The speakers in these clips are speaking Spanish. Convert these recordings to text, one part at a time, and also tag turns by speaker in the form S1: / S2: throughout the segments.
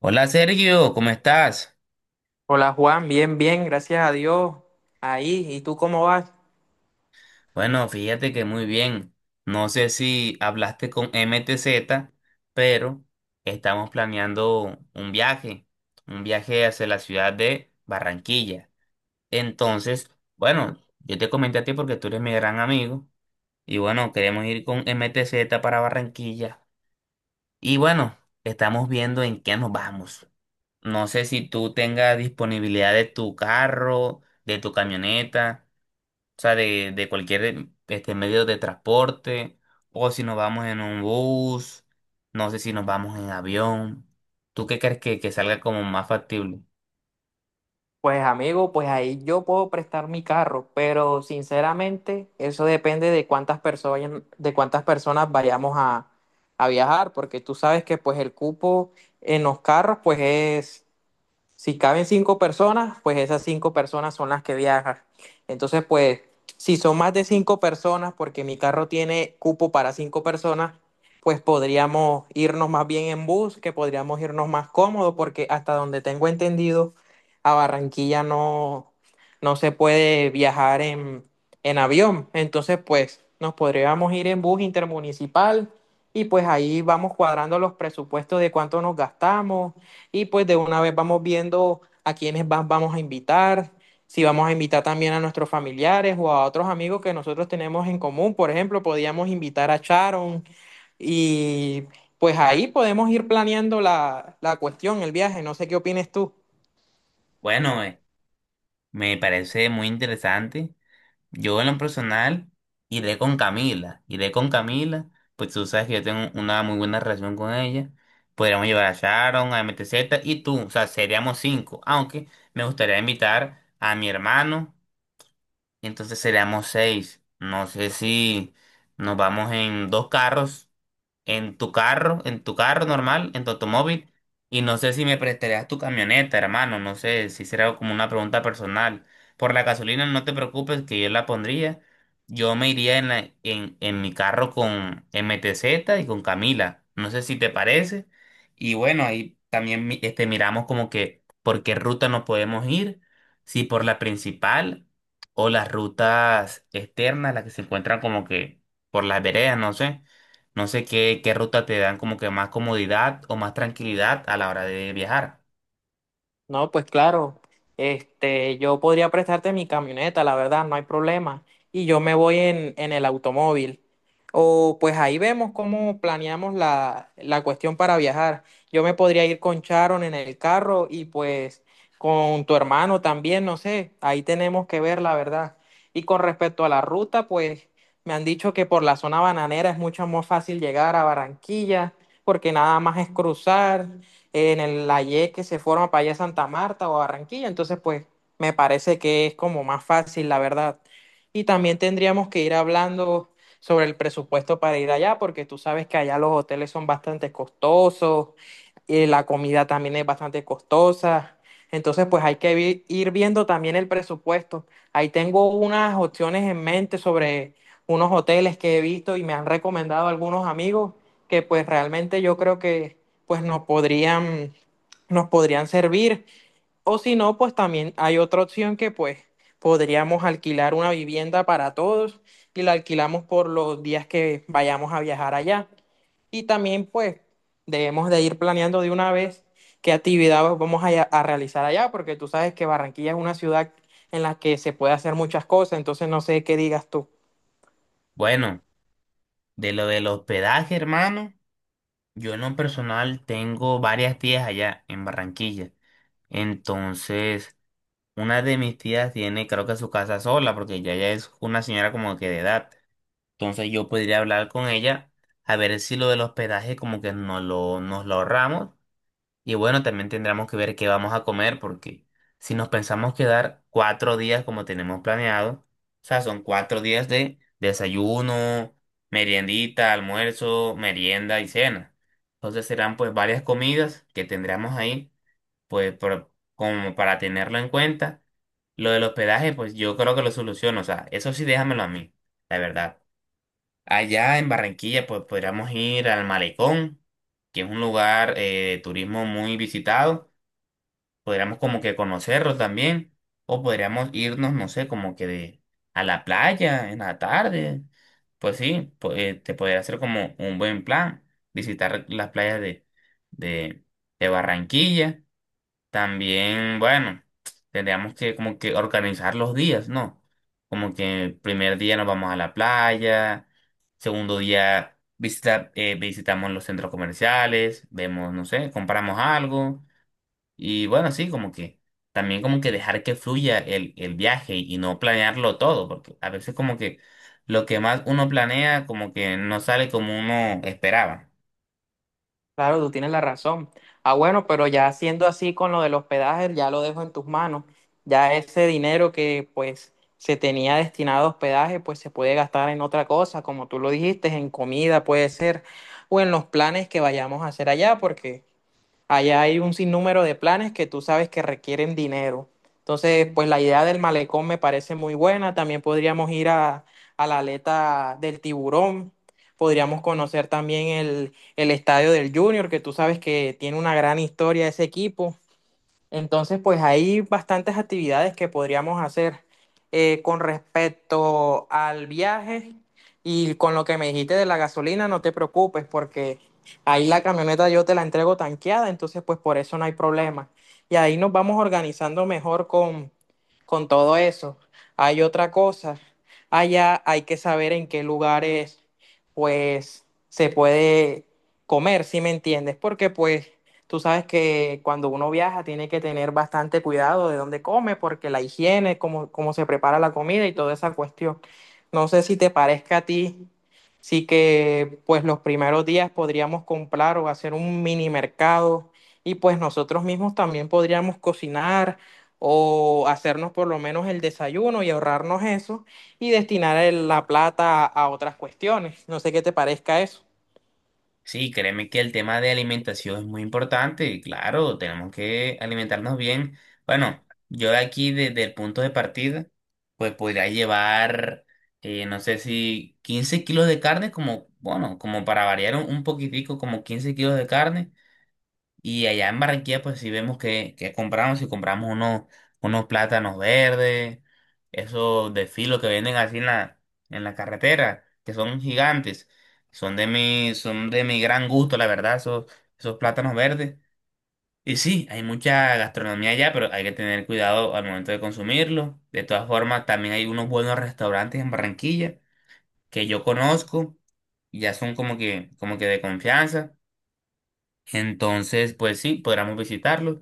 S1: Hola Sergio, ¿cómo estás?
S2: Hola Juan, bien, bien, gracias a Dios. Ahí, ¿y tú cómo vas?
S1: Bueno, fíjate que muy bien. No sé si hablaste con MTZ, pero estamos planeando un viaje hacia la ciudad de Barranquilla. Entonces, bueno, yo te comenté a ti porque tú eres mi gran amigo y bueno, queremos ir con MTZ para Barranquilla. Y bueno, estamos viendo en qué nos vamos. No sé si tú tengas disponibilidad de tu carro, de tu camioneta. O sea, de cualquier medio de transporte, o si nos vamos en un bus, no sé si nos vamos en avión. ¿Tú qué crees que salga como más factible?
S2: Pues amigo, pues ahí yo puedo prestar mi carro, pero sinceramente eso depende de cuántas personas, vayamos a viajar, porque tú sabes que pues el cupo en los carros pues es. Si caben cinco personas, pues esas cinco personas son las que viajan. Entonces, pues, si son más de cinco personas, porque mi carro tiene cupo para cinco personas, pues podríamos irnos más bien en bus, que podríamos irnos más cómodos, porque hasta donde tengo entendido, a Barranquilla no, no se puede viajar en avión. Entonces, pues, nos podríamos ir en bus intermunicipal y pues ahí vamos cuadrando los presupuestos de cuánto nos gastamos y pues de una vez vamos viendo a quiénes vamos a invitar, si vamos a invitar también a nuestros familiares o a otros amigos que nosotros tenemos en común. Por ejemplo, podíamos invitar a Sharon y pues ahí podemos ir planeando la cuestión, el viaje. No sé qué opines tú.
S1: Bueno, me parece muy interesante. Yo en lo personal iré con Camila, pues tú sabes que yo tengo una muy buena relación con ella. Podríamos llevar a Sharon, a MTZ y tú, o sea, seríamos cinco, aunque me gustaría invitar a mi hermano y entonces seríamos seis. No sé si nos vamos en dos carros en tu carro normal, en tu automóvil, y no sé si me prestarías tu camioneta, hermano, no sé si será como una pregunta personal. Por la gasolina no te preocupes que yo la pondría. Yo me iría en mi carro con MTZ y con Camila. No sé si te parece. Y bueno, ahí también miramos como que por qué ruta nos podemos ir, si por la principal o las rutas externas, las que se encuentran como que por las veredas, no sé. No sé qué ruta te dan como que más comodidad o más tranquilidad a la hora de viajar.
S2: No, pues claro, este, yo podría prestarte mi camioneta, la verdad, no hay problema. Y yo me voy en el automóvil. O pues ahí vemos cómo planeamos la cuestión para viajar. Yo me podría ir con Sharon en el carro y pues con tu hermano también, no sé, ahí tenemos que ver la verdad. Y con respecto a la ruta, pues me han dicho que por la zona bananera es mucho más fácil llegar a Barranquilla, porque nada más es cruzar en el, la Y que se forma para allá a Santa Marta o a Barranquilla. Entonces, pues me parece que es como más fácil, la verdad. Y también tendríamos que ir hablando sobre el presupuesto para ir allá, porque tú sabes que allá los hoteles son bastante costosos, y la comida también es bastante costosa. Entonces, pues hay que ir viendo también el presupuesto. Ahí tengo unas opciones en mente sobre unos hoteles que he visto y me han recomendado algunos amigos que pues realmente yo creo que pues nos podrían servir. O si no, pues también hay otra opción que pues podríamos alquilar una vivienda para todos y la alquilamos por los días que vayamos a viajar allá. Y también, pues, debemos de ir planeando de una vez qué actividad vamos a realizar allá, porque tú sabes que Barranquilla es una ciudad en la que se puede hacer muchas cosas, entonces no sé qué digas tú.
S1: Bueno, de lo del hospedaje, hermano, yo en lo personal tengo varias tías allá en Barranquilla. Entonces, una de mis tías tiene creo que su casa sola porque ya ella es una señora como que de edad. Entonces yo podría hablar con ella a ver si lo del hospedaje como que nos lo ahorramos. Y bueno, también tendremos que ver qué vamos a comer, porque si nos pensamos quedar 4 días como tenemos planeado, o sea, son 4 días de desayuno, meriendita, almuerzo, merienda y cena. Entonces serán pues varias comidas que tendremos ahí, pues como para tenerlo en cuenta. Lo del hospedaje, pues yo creo que lo soluciono, o sea, eso sí déjamelo a mí, la verdad. Allá en Barranquilla, pues podríamos ir al Malecón, que es un lugar de turismo muy visitado. Podríamos como que conocerlo también, o podríamos irnos, no sé, como que a la playa en la tarde. Pues sí, te podría hacer como un buen plan, visitar las playas de, de Barranquilla. También, bueno, tendríamos que como que organizar los días, ¿no? Como que el primer día nos vamos a la playa, segundo día visitamos los centros comerciales, vemos, no sé, compramos algo y bueno, sí, como que también como que dejar que fluya el viaje y no planearlo todo, porque a veces como que lo que más uno planea como que no sale como uno esperaba.
S2: Claro, tú tienes la razón. Ah, bueno, pero ya siendo así con lo del hospedaje, ya lo dejo en tus manos. Ya ese dinero que pues se tenía destinado a hospedaje, pues se puede gastar en otra cosa, como tú lo dijiste, en comida puede ser, o en los planes que vayamos a hacer allá, porque allá hay un sinnúmero de planes que tú sabes que requieren dinero. Entonces, pues la idea del malecón me parece muy buena. También podríamos ir a la aleta del tiburón. Podríamos conocer también el estadio del Junior, que tú sabes que tiene una gran historia ese equipo. Entonces, pues hay bastantes actividades que podríamos hacer con respecto al viaje y con lo que me dijiste de la gasolina, no te preocupes porque ahí la camioneta yo te la entrego tanqueada, entonces pues por eso no hay problema. Y ahí nos vamos organizando mejor con todo eso. Hay otra cosa, allá hay que saber en qué lugares pues se puede comer, si me entiendes, porque pues tú sabes que cuando uno viaja tiene que tener bastante cuidado de dónde come, porque la higiene, cómo se prepara la comida y toda esa cuestión. No sé si te parezca a ti, sí que pues los primeros días podríamos comprar o hacer un mini mercado y pues nosotros mismos también podríamos cocinar o hacernos por lo menos el desayuno y ahorrarnos eso y destinar la plata a otras cuestiones. No sé qué te parezca eso.
S1: Sí, créeme que el tema de alimentación es muy importante, y claro, tenemos que alimentarnos bien. Bueno, yo de aquí desde el punto de partida, pues podría llevar, no sé si 15 kilos de carne, como, bueno, como para variar un poquitico, como 15 kilos de carne. Y allá en Barranquilla, pues sí vemos que compramos, si compramos unos plátanos verdes, esos de filo que venden así en la carretera, que son gigantes, son de mi gran gusto, la verdad, esos plátanos verdes. Y sí, hay mucha gastronomía allá, pero hay que tener cuidado al momento de consumirlo. De todas formas, también hay unos buenos restaurantes en Barranquilla que yo conozco, y ya son como que de confianza. Entonces, pues sí, podríamos visitarlos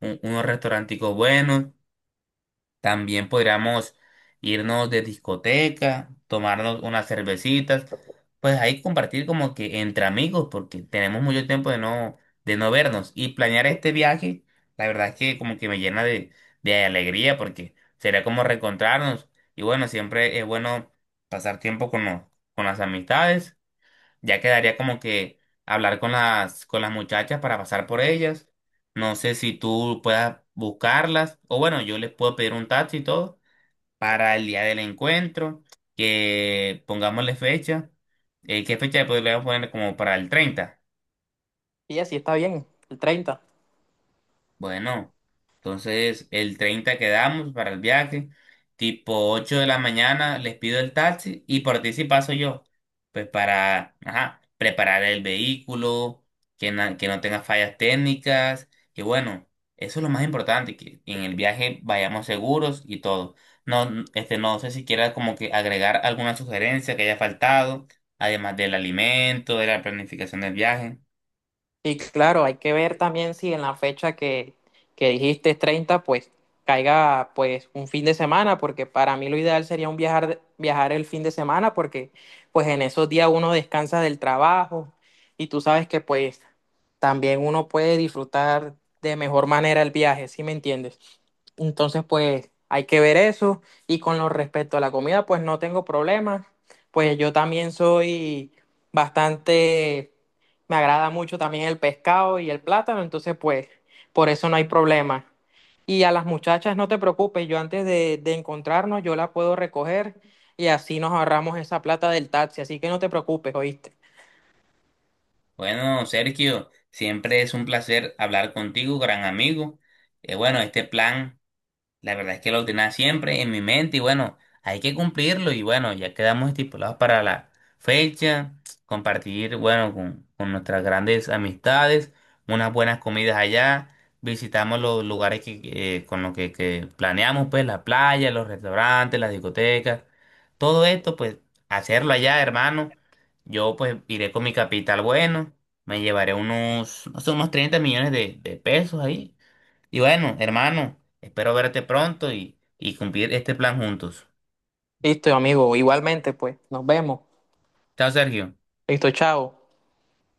S1: unos restauranticos buenos. También podríamos irnos de discoteca, tomarnos unas cervecitas. Pues ahí compartir como que entre amigos, porque tenemos mucho tiempo de no vernos. Y planear este viaje, la verdad es que como que me llena de alegría, porque sería como reencontrarnos. Y bueno, siempre es bueno pasar tiempo con las amistades. Ya quedaría como que hablar con las muchachas para pasar por ellas. No sé si tú puedas buscarlas. O bueno, yo les puedo pedir un taxi y todo para el día del encuentro. Que pongámosle fecha. ¿Qué fecha le podríamos poner como para el 30?
S2: Y así está bien, el 30.
S1: Bueno, entonces el 30 quedamos para el viaje, tipo 8 de la mañana les pido el taxi y por ti sí paso yo, pues para, ajá, preparar el vehículo, que no tenga fallas técnicas, que bueno, eso es lo más importante, que en el viaje vayamos seguros y todo. No, no sé si quieras como que agregar alguna sugerencia que haya faltado, además del alimento, de la planificación del viaje.
S2: Y claro, hay que ver también si en la fecha que dijiste es 30, pues caiga pues un fin de semana, porque para mí lo ideal sería un viajar, viajar el fin de semana, porque pues en esos días uno descansa del trabajo y tú sabes que pues también uno puede disfrutar de mejor manera el viaje, ¿sí me entiendes? Entonces, pues hay que ver eso. Y con lo respecto a la comida, pues no tengo problemas. Pues yo también soy bastante, me agrada mucho también el pescado y el plátano, entonces pues por eso no hay problema. Y a las muchachas, no te preocupes, yo antes de encontrarnos, yo la puedo recoger y así nos ahorramos esa plata del taxi. Así que no te preocupes, ¿oíste?
S1: Bueno, Sergio, siempre es un placer hablar contigo, gran amigo. Bueno, este plan. La verdad es que lo tenía siempre en mi mente y bueno, hay que cumplirlo y bueno, ya quedamos estipulados para la fecha, compartir, bueno, con nuestras grandes amistades, unas buenas comidas allá, visitamos los lugares con los que planeamos, pues la playa, los restaurantes, las discotecas, todo esto, pues hacerlo allá, hermano. Yo pues iré con mi capital bueno, me llevaré unos, no sé, unos 30 millones de pesos ahí y bueno, hermano, espero verte pronto y cumplir este plan juntos.
S2: Listo, amigo, igualmente, pues nos vemos.
S1: Chao, Sergio.
S2: Listo, chao.